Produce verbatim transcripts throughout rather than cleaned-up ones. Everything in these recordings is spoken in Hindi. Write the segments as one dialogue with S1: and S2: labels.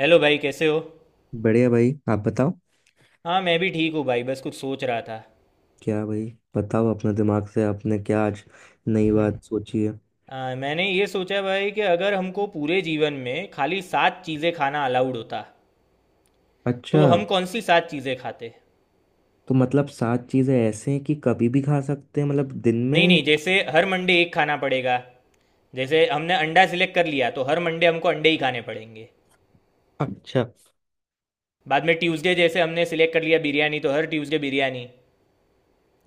S1: हेलो भाई, कैसे हो?
S2: बढ़िया भाई। आप बताओ।
S1: हाँ, मैं भी ठीक हूँ भाई, बस कुछ सोच रहा था।
S2: क्या भाई? बताओ, अपने दिमाग से आपने क्या आज नई बात सोची है?
S1: आ, मैंने ये सोचा भाई कि अगर हमको पूरे जीवन में खाली सात चीज़ें खाना अलाउड होता
S2: अच्छा।
S1: तो हम कौन सी सात चीज़ें खाते?
S2: तो मतलब सात चीजें ऐसे हैं कि कभी भी खा सकते हैं, मतलब दिन
S1: नहीं,
S2: में?
S1: नहीं, जैसे हर मंडे एक खाना पड़ेगा। जैसे हमने अंडा सिलेक्ट कर लिया तो हर मंडे हमको अंडे ही खाने पड़ेंगे।
S2: अच्छा।
S1: बाद में ट्यूसडे जैसे हमने सिलेक्ट कर लिया बिरयानी तो हर ट्यूसडे बिरयानी।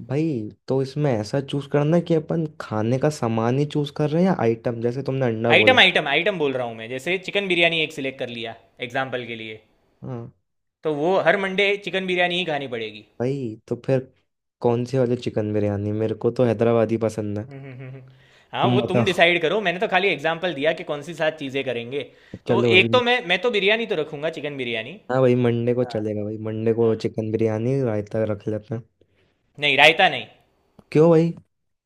S2: भाई तो इसमें ऐसा चूज करना है कि अपन खाने का सामान ही चूज कर रहे हैं या आइटम, जैसे तुमने अंडा बोला?
S1: आइटम आइटम आइटम बोल रहा हूँ मैं, जैसे चिकन बिरयानी एक सिलेक्ट कर लिया एग्जाम्पल के लिए।
S2: हाँ।
S1: तो वो हर मंडे चिकन बिरयानी ही खानी पड़ेगी।
S2: भाई तो फिर कौन सी वाली चिकन बिरयानी? मेरे को तो हैदराबादी पसंद है।
S1: हम्म, हम्म, हम्म। हाँ,
S2: तुम
S1: वो तुम
S2: बताओ।
S1: डिसाइड करो, मैंने तो खाली एग्जांपल दिया कि कौन सी सात चीज़ें करेंगे। तो
S2: चलो
S1: एक
S2: भाई।
S1: तो मैं मैं तो बिरयानी तो रखूंगा, चिकन बिरयानी।
S2: हाँ भाई, मंडे को
S1: हाँ,
S2: चलेगा। भाई मंडे को
S1: हाँ।
S2: चिकन बिरयानी, रायता रख लेते हैं।
S1: नहीं, रायता नहीं।
S2: क्यों भाई?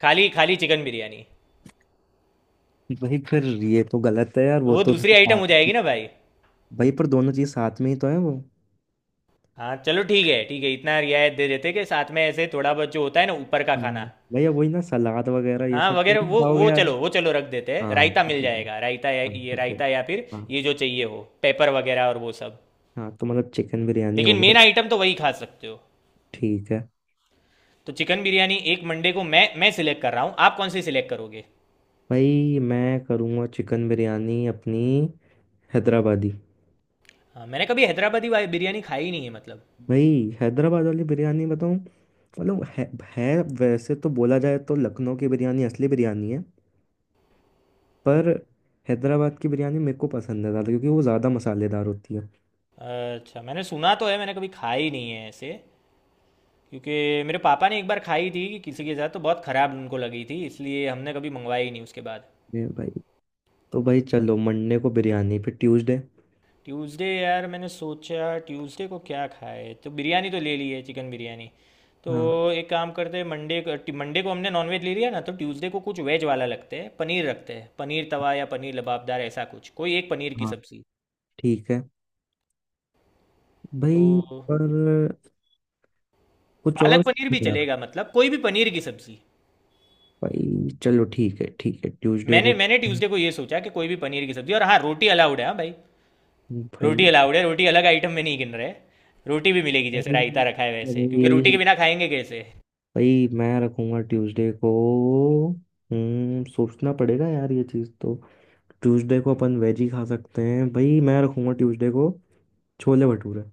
S1: खाली खाली चिकन बिरयानी।
S2: भाई फिर ये तो गलत है यार,
S1: तो
S2: वो
S1: वो
S2: तो
S1: दूसरी आइटम हो
S2: साथ।
S1: जाएगी ना भाई।
S2: भाई पर दोनों चीज साथ में ही तो है वो।
S1: हाँ चलो, ठीक है, ठीक है, इतना रियायत दे देते कि साथ में ऐसे थोड़ा बहुत जो होता है ना ऊपर का
S2: हाँ।
S1: खाना।
S2: भैया वही ना, सलाद वगैरह ये
S1: हाँ,
S2: सब तो
S1: वगैरह
S2: नहीं
S1: वो
S2: खाओगे
S1: वो
S2: यार?
S1: चलो, वो चलो रख देते हैं,
S2: हाँ
S1: रायता
S2: ठीक
S1: मिल
S2: है, ठीक है।
S1: जाएगा, रायता या
S2: हाँ
S1: ये
S2: ठीक है।
S1: रायता, या फिर
S2: हाँ।
S1: ये जो चाहिए हो, पेपर वगैरह और वो सब।
S2: हाँ तो मतलब चिकन बिरयानी हो
S1: लेकिन
S2: गया।
S1: मेन आइटम तो वही खा सकते हो।
S2: ठीक है।
S1: तो चिकन बिरयानी एक मंडे को मैं मैं सिलेक्ट कर रहा हूँ, आप कौन सी सिलेक्ट करोगे?
S2: भाई मैं करूँगा चिकन बिरयानी अपनी हैदराबादी।
S1: हाँ, मैंने कभी हैदराबादी वाली बिरयानी खाई नहीं है मतलब।
S2: भाई हैदराबाद वाली बिरयानी बताऊँ? मतलब है, है वैसे तो बोला जाए तो लखनऊ की बिरयानी असली बिरयानी है। पर हैदराबाद की बिरयानी मेरे को पसंद है ज़्यादा, क्योंकि वो ज़्यादा मसालेदार होती है।
S1: अच्छा, मैंने सुना तो है, मैंने कभी खाई नहीं है ऐसे, क्योंकि मेरे पापा ने एक बार खाई थी कि किसी के साथ, तो बहुत ख़राब उनको लगी थी, इसलिए हमने कभी मंगवाई ही नहीं उसके बाद।
S2: ये भाई। तो भाई चलो, मंडे को बिरयानी। फिर ट्यूसडे?
S1: ट्यूसडे यार, मैंने सोचा ट्यूसडे को क्या खाए, तो बिरयानी तो ले ली है चिकन बिरयानी। तो
S2: हाँ।
S1: एक काम करते हैं मंडे को मंडे को हमने नॉनवेज ले लिया ना, तो ट्यूसडे को कुछ वेज वाला लगते हैं, पनीर रखते हैं, पनीर तवा या पनीर लबाबदार, ऐसा कुछ, कोई एक पनीर की
S2: हाँ
S1: सब्ज़ी।
S2: ठीक है।
S1: तो
S2: भाई पर कुछ और?
S1: पालक पनीर भी
S2: यार।
S1: चलेगा, मतलब कोई भी पनीर की सब्जी।
S2: भाई चलो ठीक है, ठीक है ट्यूसडे
S1: मैंने
S2: को।
S1: मैंने ट्यूसडे को ये सोचा कि कोई भी पनीर की सब्जी, और हाँ, रोटी अलाउड है, हाँ भाई।
S2: भाई
S1: रोटी अलाउड है, रोटी अलग आइटम में नहीं गिन रहे। रोटी भी मिलेगी जैसे रायता रखा है वैसे, क्योंकि रोटी
S2: भाई
S1: के बिना खाएंगे कैसे?
S2: भाई मैं रखूंगा ट्यूसडे को। हम्म सोचना पड़ेगा यार ये चीज़ तो। ट्यूसडे को अपन वेज ही खा सकते हैं। भाई मैं रखूंगा ट्यूसडे को। छोले भटूरे।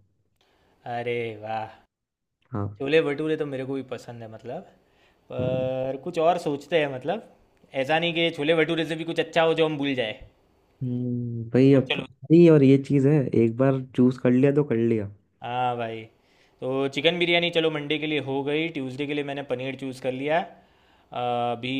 S1: अरे, वाह।
S2: हाँ।
S1: छोले भटूरे तो मेरे को भी पसंद है मतलब।
S2: हाँ।
S1: पर कुछ और सोचते हैं मतलब। ऐसा नहीं कि छोले भटूरे से भी कुछ अच्छा हो जो हम भूल जाए।
S2: हम्म, भाई
S1: तो
S2: अब
S1: चलो,
S2: भाई और ये चीज़ है। एक बार चूज कर लिया तो कर लिया।
S1: हाँ भाई। तो चिकन बिरयानी चलो मंडे के लिए हो गई, ट्यूसडे के लिए मैंने पनीर चूज़ कर लिया अ, अभी।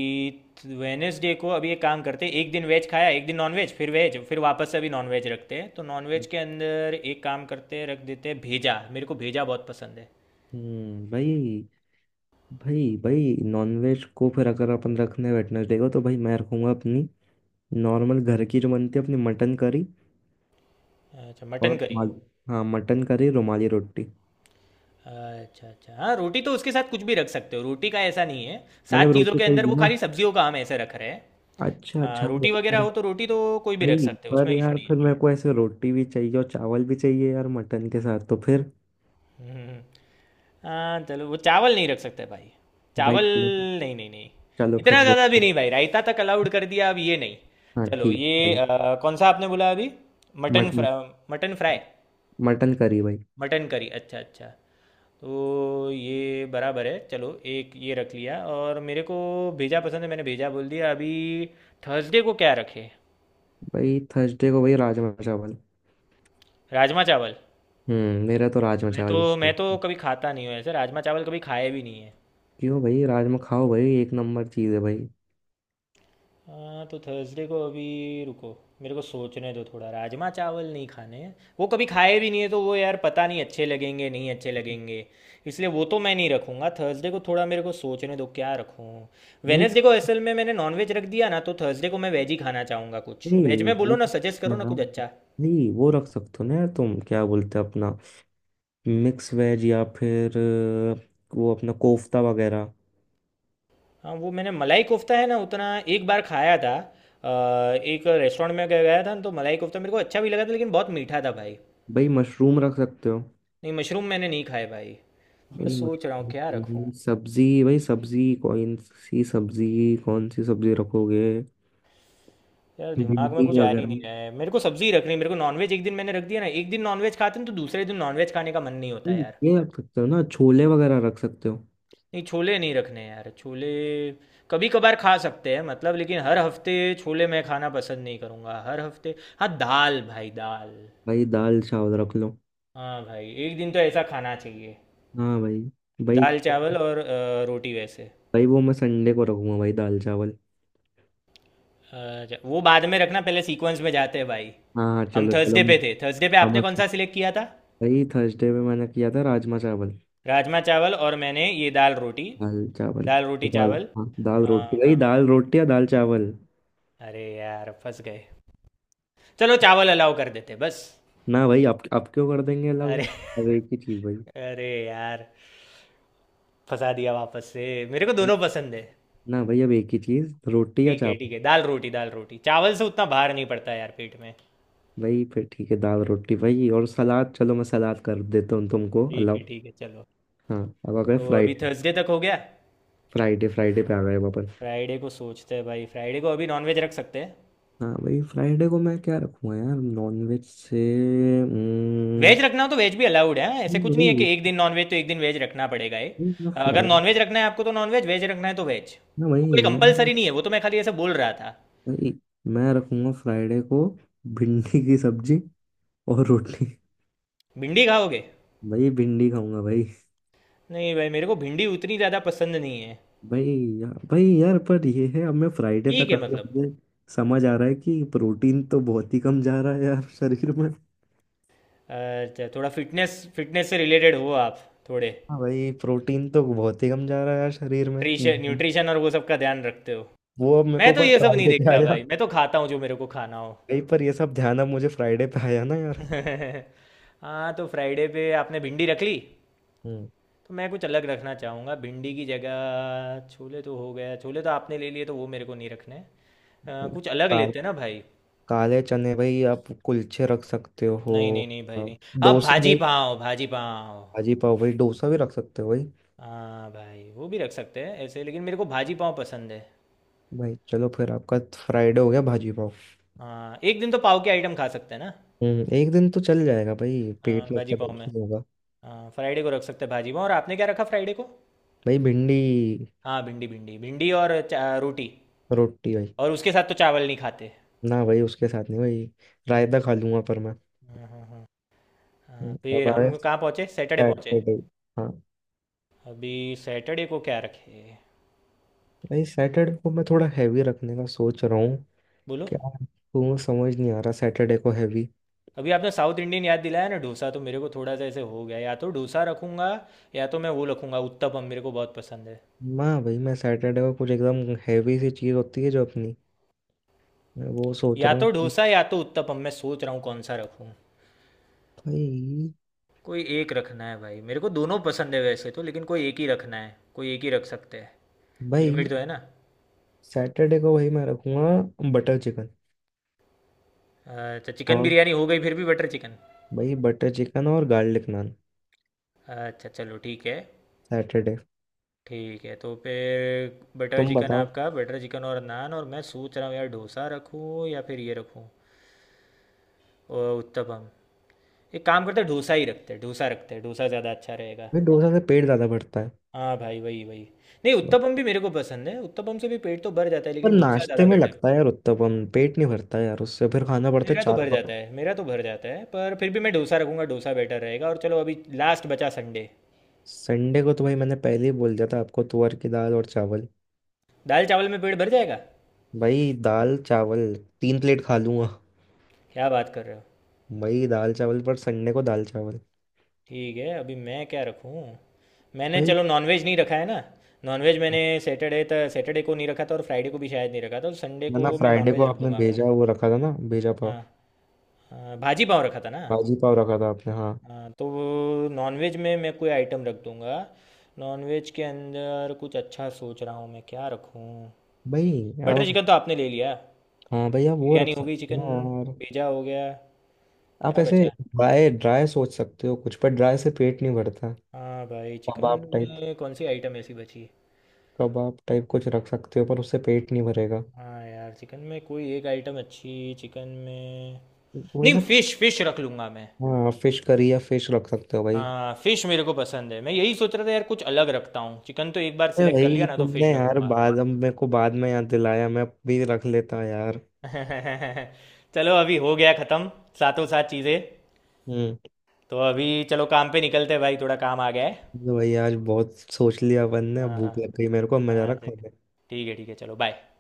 S1: वेनेसडे को अभी एक काम करते हैं, एक दिन वेज खाया, एक दिन नॉन वेज, फिर वेज, फिर वापस से अभी नॉन वेज रखते हैं। तो नॉन वेज के अंदर एक काम करते हैं, रख देते हैं भेजा, मेरे को भेजा बहुत पसंद है।
S2: हम्म भाई। भाई भाई नॉनवेज को फिर अगर अपन रखने वेटनेसडे को, तो भाई मैं रखूंगा अपनी नॉर्मल घर की जो बनती है अपनी मटन करी
S1: अच्छा,
S2: और
S1: मटन करी।
S2: रुमाली। हाँ मटन करी रुमाली रोटी।
S1: अच्छा अच्छा, हाँ रोटी तो उसके साथ कुछ भी रख सकते हो, रोटी का ऐसा नहीं है।
S2: मतलब
S1: सात चीज़ों
S2: रोटी
S1: के
S2: कोई
S1: अंदर
S2: भी
S1: वो
S2: ना?
S1: खाली सब्जियों का हम ऐसे रख रहे हैं।
S2: अच्छा
S1: अ,
S2: अच्छा, हाँ।
S1: रोटी वगैरह
S2: पर।
S1: हो तो रोटी तो कोई भी रख
S2: भाई
S1: सकते हो,
S2: पर
S1: उसमें इशू
S2: यार,
S1: नहीं
S2: फिर
S1: है।
S2: मेरे को ऐसे रोटी भी चाहिए और चावल भी चाहिए यार मटन के साथ, तो फिर।
S1: हम्म। हम्म। हाँ चलो, वो चावल नहीं रख सकते भाई।
S2: भाई
S1: चावल,
S2: चलो।
S1: नहीं, नहीं, नहीं।
S2: चलो
S1: इतना
S2: फिर
S1: ज़्यादा भी
S2: रोटी।
S1: नहीं भाई, रायता तक अलाउड कर दिया, अब ये नहीं।
S2: हाँ
S1: चलो
S2: ठीक है,
S1: ये
S2: चलो।
S1: अ, कौन सा आपने बोला अभी? Mutton
S2: mutton.
S1: फ्रा मटन फ्राई।
S2: मटन करी भाई।
S1: मटन करी, अच्छा अच्छा। तो ये बराबर है, चलो एक ये रख लिया। और मेरे को भेजा पसंद है, मैंने भेजा बोल दिया अभी। थर्सडे को क्या रखे?
S2: भाई थर्सडे को भाई, राजमा चावल।
S1: राजमा चावल।
S2: हम्म मेरा तो राजमा
S1: मैं तो
S2: चावल है।
S1: मैं तो कभी खाता नहीं हूँ ऐसे, राजमा चावल कभी खाए भी नहीं है।
S2: क्यों भाई? राजमा खाओ भाई, एक नंबर चीज है भाई।
S1: हाँ तो थर्सडे को अभी रुको, मेरे को सोचने दो थोड़ा, राजमा चावल नहीं खाने हैं। वो कभी खाए भी नहीं है तो वो यार पता नहीं, अच्छे लगेंगे नहीं अच्छे लगेंगे। इसलिए वो तो मैं नहीं रखूँगा थर्सडे को। थोड़ा मेरे को सोचने दो क्या रखूँ।
S2: भाई
S1: वेनेसडे को असल में मैंने नॉनवेज रख दिया ना, तो थर्सडे को मैं वेज ही खाना चाहूँगा। कुछ
S2: भाई
S1: वेज में बोलो
S2: वो।
S1: ना, सजेस्ट करो ना कुछ अच्छा।
S2: नहीं, वो रख सकते हो ना यार? तुम क्या बोलते हो अपना मिक्स वेज, या फिर अ, वो अपना कोफ्ता वगैरह।
S1: हाँ वो, मैंने मलाई कोफ्ता है ना उतना, एक बार खाया था। अ, एक रेस्टोरेंट में गया था ना, तो मलाई कोफ्ता मेरे को अच्छा भी लगा था, लेकिन बहुत मीठा था भाई।
S2: भाई मशरूम रख सकते हो?
S1: नहीं, मशरूम मैंने नहीं खाए भाई। मैं
S2: भाई
S1: सोच रहा हूँ क्या रखूँ।
S2: मशरूम सब्जी। भाई सब्जी कौन सी सब्जी कौन सी सब्जी रखोगे?
S1: यार, दिमाग में
S2: भिंडी
S1: कुछ आ ही
S2: वगैरह।
S1: नहीं रहा है, मेरे को सब्जी रखनी है, मेरे को नॉनवेज एक दिन मैंने रख दिया ना, एक दिन नॉनवेज खाते हैं तो दूसरे दिन नॉनवेज खाने का मन नहीं होता
S2: भाई,
S1: यार।
S2: ये रख सकते हो ना? छोले वगैरह रख सकते हो।
S1: नहीं, छोले नहीं रखने यार, छोले कभी कभार खा सकते हैं मतलब, लेकिन हर हफ्ते छोले मैं खाना पसंद नहीं करूँगा हर हफ्ते। हाँ दाल, भाई दाल।
S2: भाई दाल चावल रख लो।
S1: हाँ भाई, एक दिन तो ऐसा खाना चाहिए।
S2: हाँ भाई। भाई।
S1: दाल चावल और अ, रोटी वैसे।
S2: भाई वो मैं संडे को रखूंगा भाई, दाल चावल।
S1: अच्छा, वो बाद में रखना, पहले सीक्वेंस में जाते हैं भाई।
S2: हाँ हाँ,
S1: हम
S2: चलो चलो
S1: थर्सडे पे
S2: मैं।
S1: थे, थर्सडे पे आपने
S2: हम।
S1: कौन सा सिलेक्ट किया था?
S2: भाई थर्सडे में मैंने किया था राजमा चावल।
S1: राजमा चावल, और मैंने ये दाल रोटी,
S2: दाल चावल।
S1: दाल
S2: तो
S1: रोटी
S2: दाल,
S1: चावल,
S2: हाँ दाल
S1: हाँ।
S2: रोटी भाई, दाल रोटी या दाल चावल?
S1: अरे यार, फंस गए। चलो चावल अलाउ कर देते बस।
S2: ना भाई, आप आप क्यों कर देंगे अलाउड?
S1: अरे
S2: अब एक ही चीज़ भाई।
S1: अरे यार, फंसा दिया वापस से। मेरे को दोनों पसंद है।
S2: ना भाई, अब एक ही चीज़, रोटी या
S1: ठीक है,
S2: चावल।
S1: ठीक है, दाल रोटी, दाल रोटी चावल से उतना भार नहीं पड़ता यार पेट में।
S2: भाई फिर ठीक है दाल रोटी भाई, और सलाद, चलो मैं सलाद कर देता हूँ तुमको
S1: ठीक
S2: अलाउ।
S1: है, ठीक है, चलो।
S2: हाँ। अब आ गए
S1: तो अभी
S2: फ्राइडे।
S1: थर्सडे तक हो गया।
S2: फ्राइडे फ्राइडे पे आ गए वापस।
S1: फ्राइडे को सोचते हैं भाई, फ्राइडे को अभी नॉनवेज रख सकते हैं।
S2: हाँ भाई, फ्राइडे को मैं क्या रखूँगा यार नॉनवेज से?
S1: वेज रखना हो तो वेज भी अलाउड है, ऐसे
S2: नहीं
S1: कुछ नहीं है कि
S2: वही।
S1: एक दिन नॉनवेज तो एक दिन वेज रखना पड़ेगा ये।
S2: वही ना
S1: अगर
S2: फ्राइडे।
S1: नॉनवेज रखना है आपको तो नॉनवेज, वेज रखना है तो वेज।
S2: ना
S1: वो
S2: वही
S1: कोई
S2: मैं।
S1: कंपलसरी नहीं है, वो तो मैं खाली ऐसे बोल रहा था।
S2: वही मैं रखूंगा फ्राइडे को भिंडी की सब्जी और रोटी।
S1: भिंडी खाओगे?
S2: भाई भिंडी खाऊंगा भाई।
S1: नहीं भाई, मेरे को भिंडी उतनी ज़्यादा पसंद नहीं है।
S2: भाई। या, भाई यार पर ये है, अब मैं फ्राइडे
S1: ठीक
S2: तक
S1: है
S2: आ गया,
S1: मतलब।
S2: मुझे समझ आ रहा है कि प्रोटीन तो बहुत ही कम जा रहा है यार शरीर में।
S1: अच्छा, थोड़ा फिटनेस फिटनेस से रिलेटेड हो आप थोड़े,
S2: हाँ भाई प्रोटीन तो बहुत ही कम जा रहा है यार शरीर में।
S1: न्यूट्रिशन
S2: हम्म।
S1: न्यूट्रिशन और वो सब का ध्यान रखते हो?
S2: वो अब मेरे
S1: मैं
S2: को
S1: तो
S2: पर
S1: ये सब नहीं
S2: फ्राइडे पे
S1: देखता
S2: आया।
S1: भाई, मैं तो खाता हूँ जो मेरे को खाना हो।
S2: भाई पर ये सब ध्यान अब मुझे फ्राइडे पे आया ना यार।
S1: हाँ, तो फ्राइडे पे आपने भिंडी रख ली, तो
S2: हम्म
S1: मैं कुछ अलग रखना चाहूँगा भिंडी की जगह। छोले तो हो गया, छोले तो आपने ले लिए, तो वो मेरे को नहीं रखने हैं। अ, कुछ अलग
S2: भाई,
S1: लेते हैं ना भाई।
S2: काले चने भाई, आप कुलचे रख सकते हो?
S1: नहीं, नहीं, नहीं भाई,
S2: आप।
S1: नहीं। आप
S2: डोसा
S1: भाजी
S2: भाई।
S1: पाव, भाजी पाव।
S2: भाजी पाव भाई, डोसा भी रख सकते हो भाई।
S1: हाँ भाई, वो भी रख सकते हैं ऐसे, लेकिन मेरे को भाजी पाव पसंद है।
S2: भाई चलो, फिर आपका फ्राइडे हो गया भाजी पाव।
S1: हाँ, एक दिन तो पाव के आइटम खा सकते हैं ना।
S2: हम्म एक दिन तो चल जाएगा भाई, पेट
S1: हाँ, भाजी
S2: लगता है
S1: पाव
S2: कुछ
S1: में।
S2: नहीं होगा।
S1: हाँ, फ्राइडे को रख सकते हैं भाजी पाव, और आपने क्या रखा फ्राइडे को?
S2: भाई भिंडी।
S1: हाँ भिंडी, भिंडी भिंडी, और चा- रोटी।
S2: रोटी भाई।
S1: और उसके साथ तो चावल नहीं खाते।
S2: ना भाई, उसके साथ नहीं भाई।
S1: हम्म,
S2: रायता खा लूंगा पर मैं।
S1: हाँ, हाँ, हाँ। हाँ,
S2: हम्म,
S1: फिर
S2: अब आया
S1: हम कहाँ पहुँचे? सैटरडे पहुँचे।
S2: सैटरडे। हाँ।
S1: अभी सैटरडे को क्या रखे?
S2: भाई सैटरडे को मैं थोड़ा हैवी रखने का सोच रहा हूँ।
S1: बोलो।
S2: क्या? तू समझ नहीं आ रहा, सैटरडे को हैवी।
S1: अभी आपने साउथ इंडियन याद दिलाया ना डोसा, तो मेरे को थोड़ा सा ऐसे हो गया, या तो डोसा रखूँगा, या तो मैं वो रखूँगा उत्तपम, मेरे को बहुत पसंद है।
S2: माँ भाई मैं सैटरडे को कुछ एकदम हैवी सी चीज़ होती है जो अपनी, मैं वो सोच
S1: या
S2: रहा हूँ
S1: तो
S2: कि।
S1: डोसा या तो उत्तपम, मैं सोच रहा हूँ कौन सा रखूँ।
S2: भाई।
S1: कोई एक रखना है भाई, मेरे को दोनों पसंद है वैसे तो, लेकिन कोई एक ही रखना है, कोई एक ही रख सकते हैं।
S2: भाई
S1: लिमिट तो है ना।
S2: सैटरडे को भाई मैं रखूंगा बटर चिकन।
S1: अच्छा, चिकन
S2: और
S1: बिरयानी हो गई फिर भी बटर चिकन।
S2: भाई, बटर चिकन और गार्लिक नान।
S1: अच्छा चलो, ठीक है।
S2: सैटरडे।
S1: ठीक है, तो फिर बटर
S2: तुम
S1: चिकन,
S2: बताओ।
S1: आपका बटर चिकन और नान, और मैं सोच रहा हूँ यार डोसा रखूँ या फिर ये रखूँ, और उत्तपम। एक काम करते हैं डोसा ही रखते हैं, डोसा रखते हैं, डोसा ज़्यादा अच्छा रहेगा।
S2: भाई डोसा से पेट ज्यादा भरता है।
S1: हाँ भाई, वही वही। नहीं, उत्तपम भी मेरे को पसंद है, उत्तपम से भी पेट तो भर जाता है,
S2: पर
S1: लेकिन डोसा
S2: नाश्ते
S1: ज़्यादा
S2: में
S1: बेटर।
S2: लगता है यार उत्तपम पेट नहीं भरता यार, उससे फिर खाना पड़ता है
S1: मेरा तो
S2: चार
S1: भर जाता
S2: बार।
S1: है, मेरा तो भर जाता है, पर फिर भी मैं डोसा रखूंगा, डोसा बेटर रहेगा। और चलो अभी लास्ट बचा संडे।
S2: संडे को तो भाई मैंने पहले ही बोल दिया था आपको, तुअर की दाल और चावल।
S1: दाल चावल में पेट भर जाएगा?
S2: भाई दाल चावल तीन प्लेट खा लूंगा।
S1: क्या बात कर रहे हो।
S2: भाई दाल चावल, पर संडे को दाल चावल।
S1: ठीक है, अभी मैं क्या रखूँ। मैंने
S2: भाई।
S1: चलो नॉनवेज नहीं रखा है ना। नॉनवेज मैंने सैटरडे तक, सैटरडे को नहीं रखा था, और फ्राइडे को भी शायद नहीं रखा था, तो संडे को
S2: ना,
S1: मैं
S2: फ्राइडे
S1: नॉनवेज
S2: को
S1: रख
S2: आपने
S1: दूंगा।
S2: भेजा वो रखा था ना, भेजा
S1: हाँ,
S2: पाव।
S1: हाँ, भाजी पाव रखा था ना।
S2: भाजी पाव रखा था आपने, हाँ।
S1: हाँ, तो नॉनवेज में मैं कोई आइटम रख दूंगा। नॉनवेज के अंदर कुछ अच्छा सोच रहा हूँ मैं, क्या रखूँ।
S2: भाई
S1: बटर
S2: आप।
S1: चिकन तो आपने ले लिया।
S2: हाँ भाई, आप वो
S1: बिरयानी
S2: रख
S1: हो गई
S2: सकते हो
S1: चिकन।
S2: ना यार।
S1: भेजा हो गया।
S2: आप
S1: क्या
S2: ऐसे
S1: बचा?
S2: ड्राई ड्राई सोच सकते हो कुछ, पर ड्राई से पेट नहीं भरता।
S1: हाँ भाई, चिकन
S2: कबाब टाइप।
S1: में कौन सी आइटम ऐसी बची?
S2: कबाब टाइप कुछ रख सकते हो, पर उससे पेट नहीं भरेगा।
S1: हाँ यार, चिकन में कोई एक आइटम अच्छी। चिकन में।
S2: वही
S1: नहीं,
S2: ना।
S1: फिश, फिश रख लूँगा मैं।
S2: हाँ, फिश करी या फिश रख सकते हो भाई।
S1: हाँ, फिश मेरे को पसंद है, मैं यही सोच रहा था यार कुछ अलग रखता हूँ, चिकन तो एक बार
S2: अरे
S1: सिलेक्ट कर लिया
S2: भाई,
S1: ना, तो फिश
S2: तुमने यार
S1: रखूँगा,
S2: बाद
S1: हाँ।
S2: में मेरे को बाद में याद दिलाया, मैं भी रख लेता यार।
S1: चलो अभी हो गया ख़त्म। सातों सात चीज़ें।
S2: हम्म।
S1: तो अभी चलो, काम पे निकलते हैं भाई, थोड़ा काम आ गया है।
S2: तो भाई आज बहुत सोच लिया अपन ने,
S1: हाँ, हाँ।
S2: भूख लग गई मेरे को, अब मैं जा
S1: हाँ
S2: रहा
S1: ठीक।
S2: खाने।
S1: ठीक है, ठीक है, चलो बाय।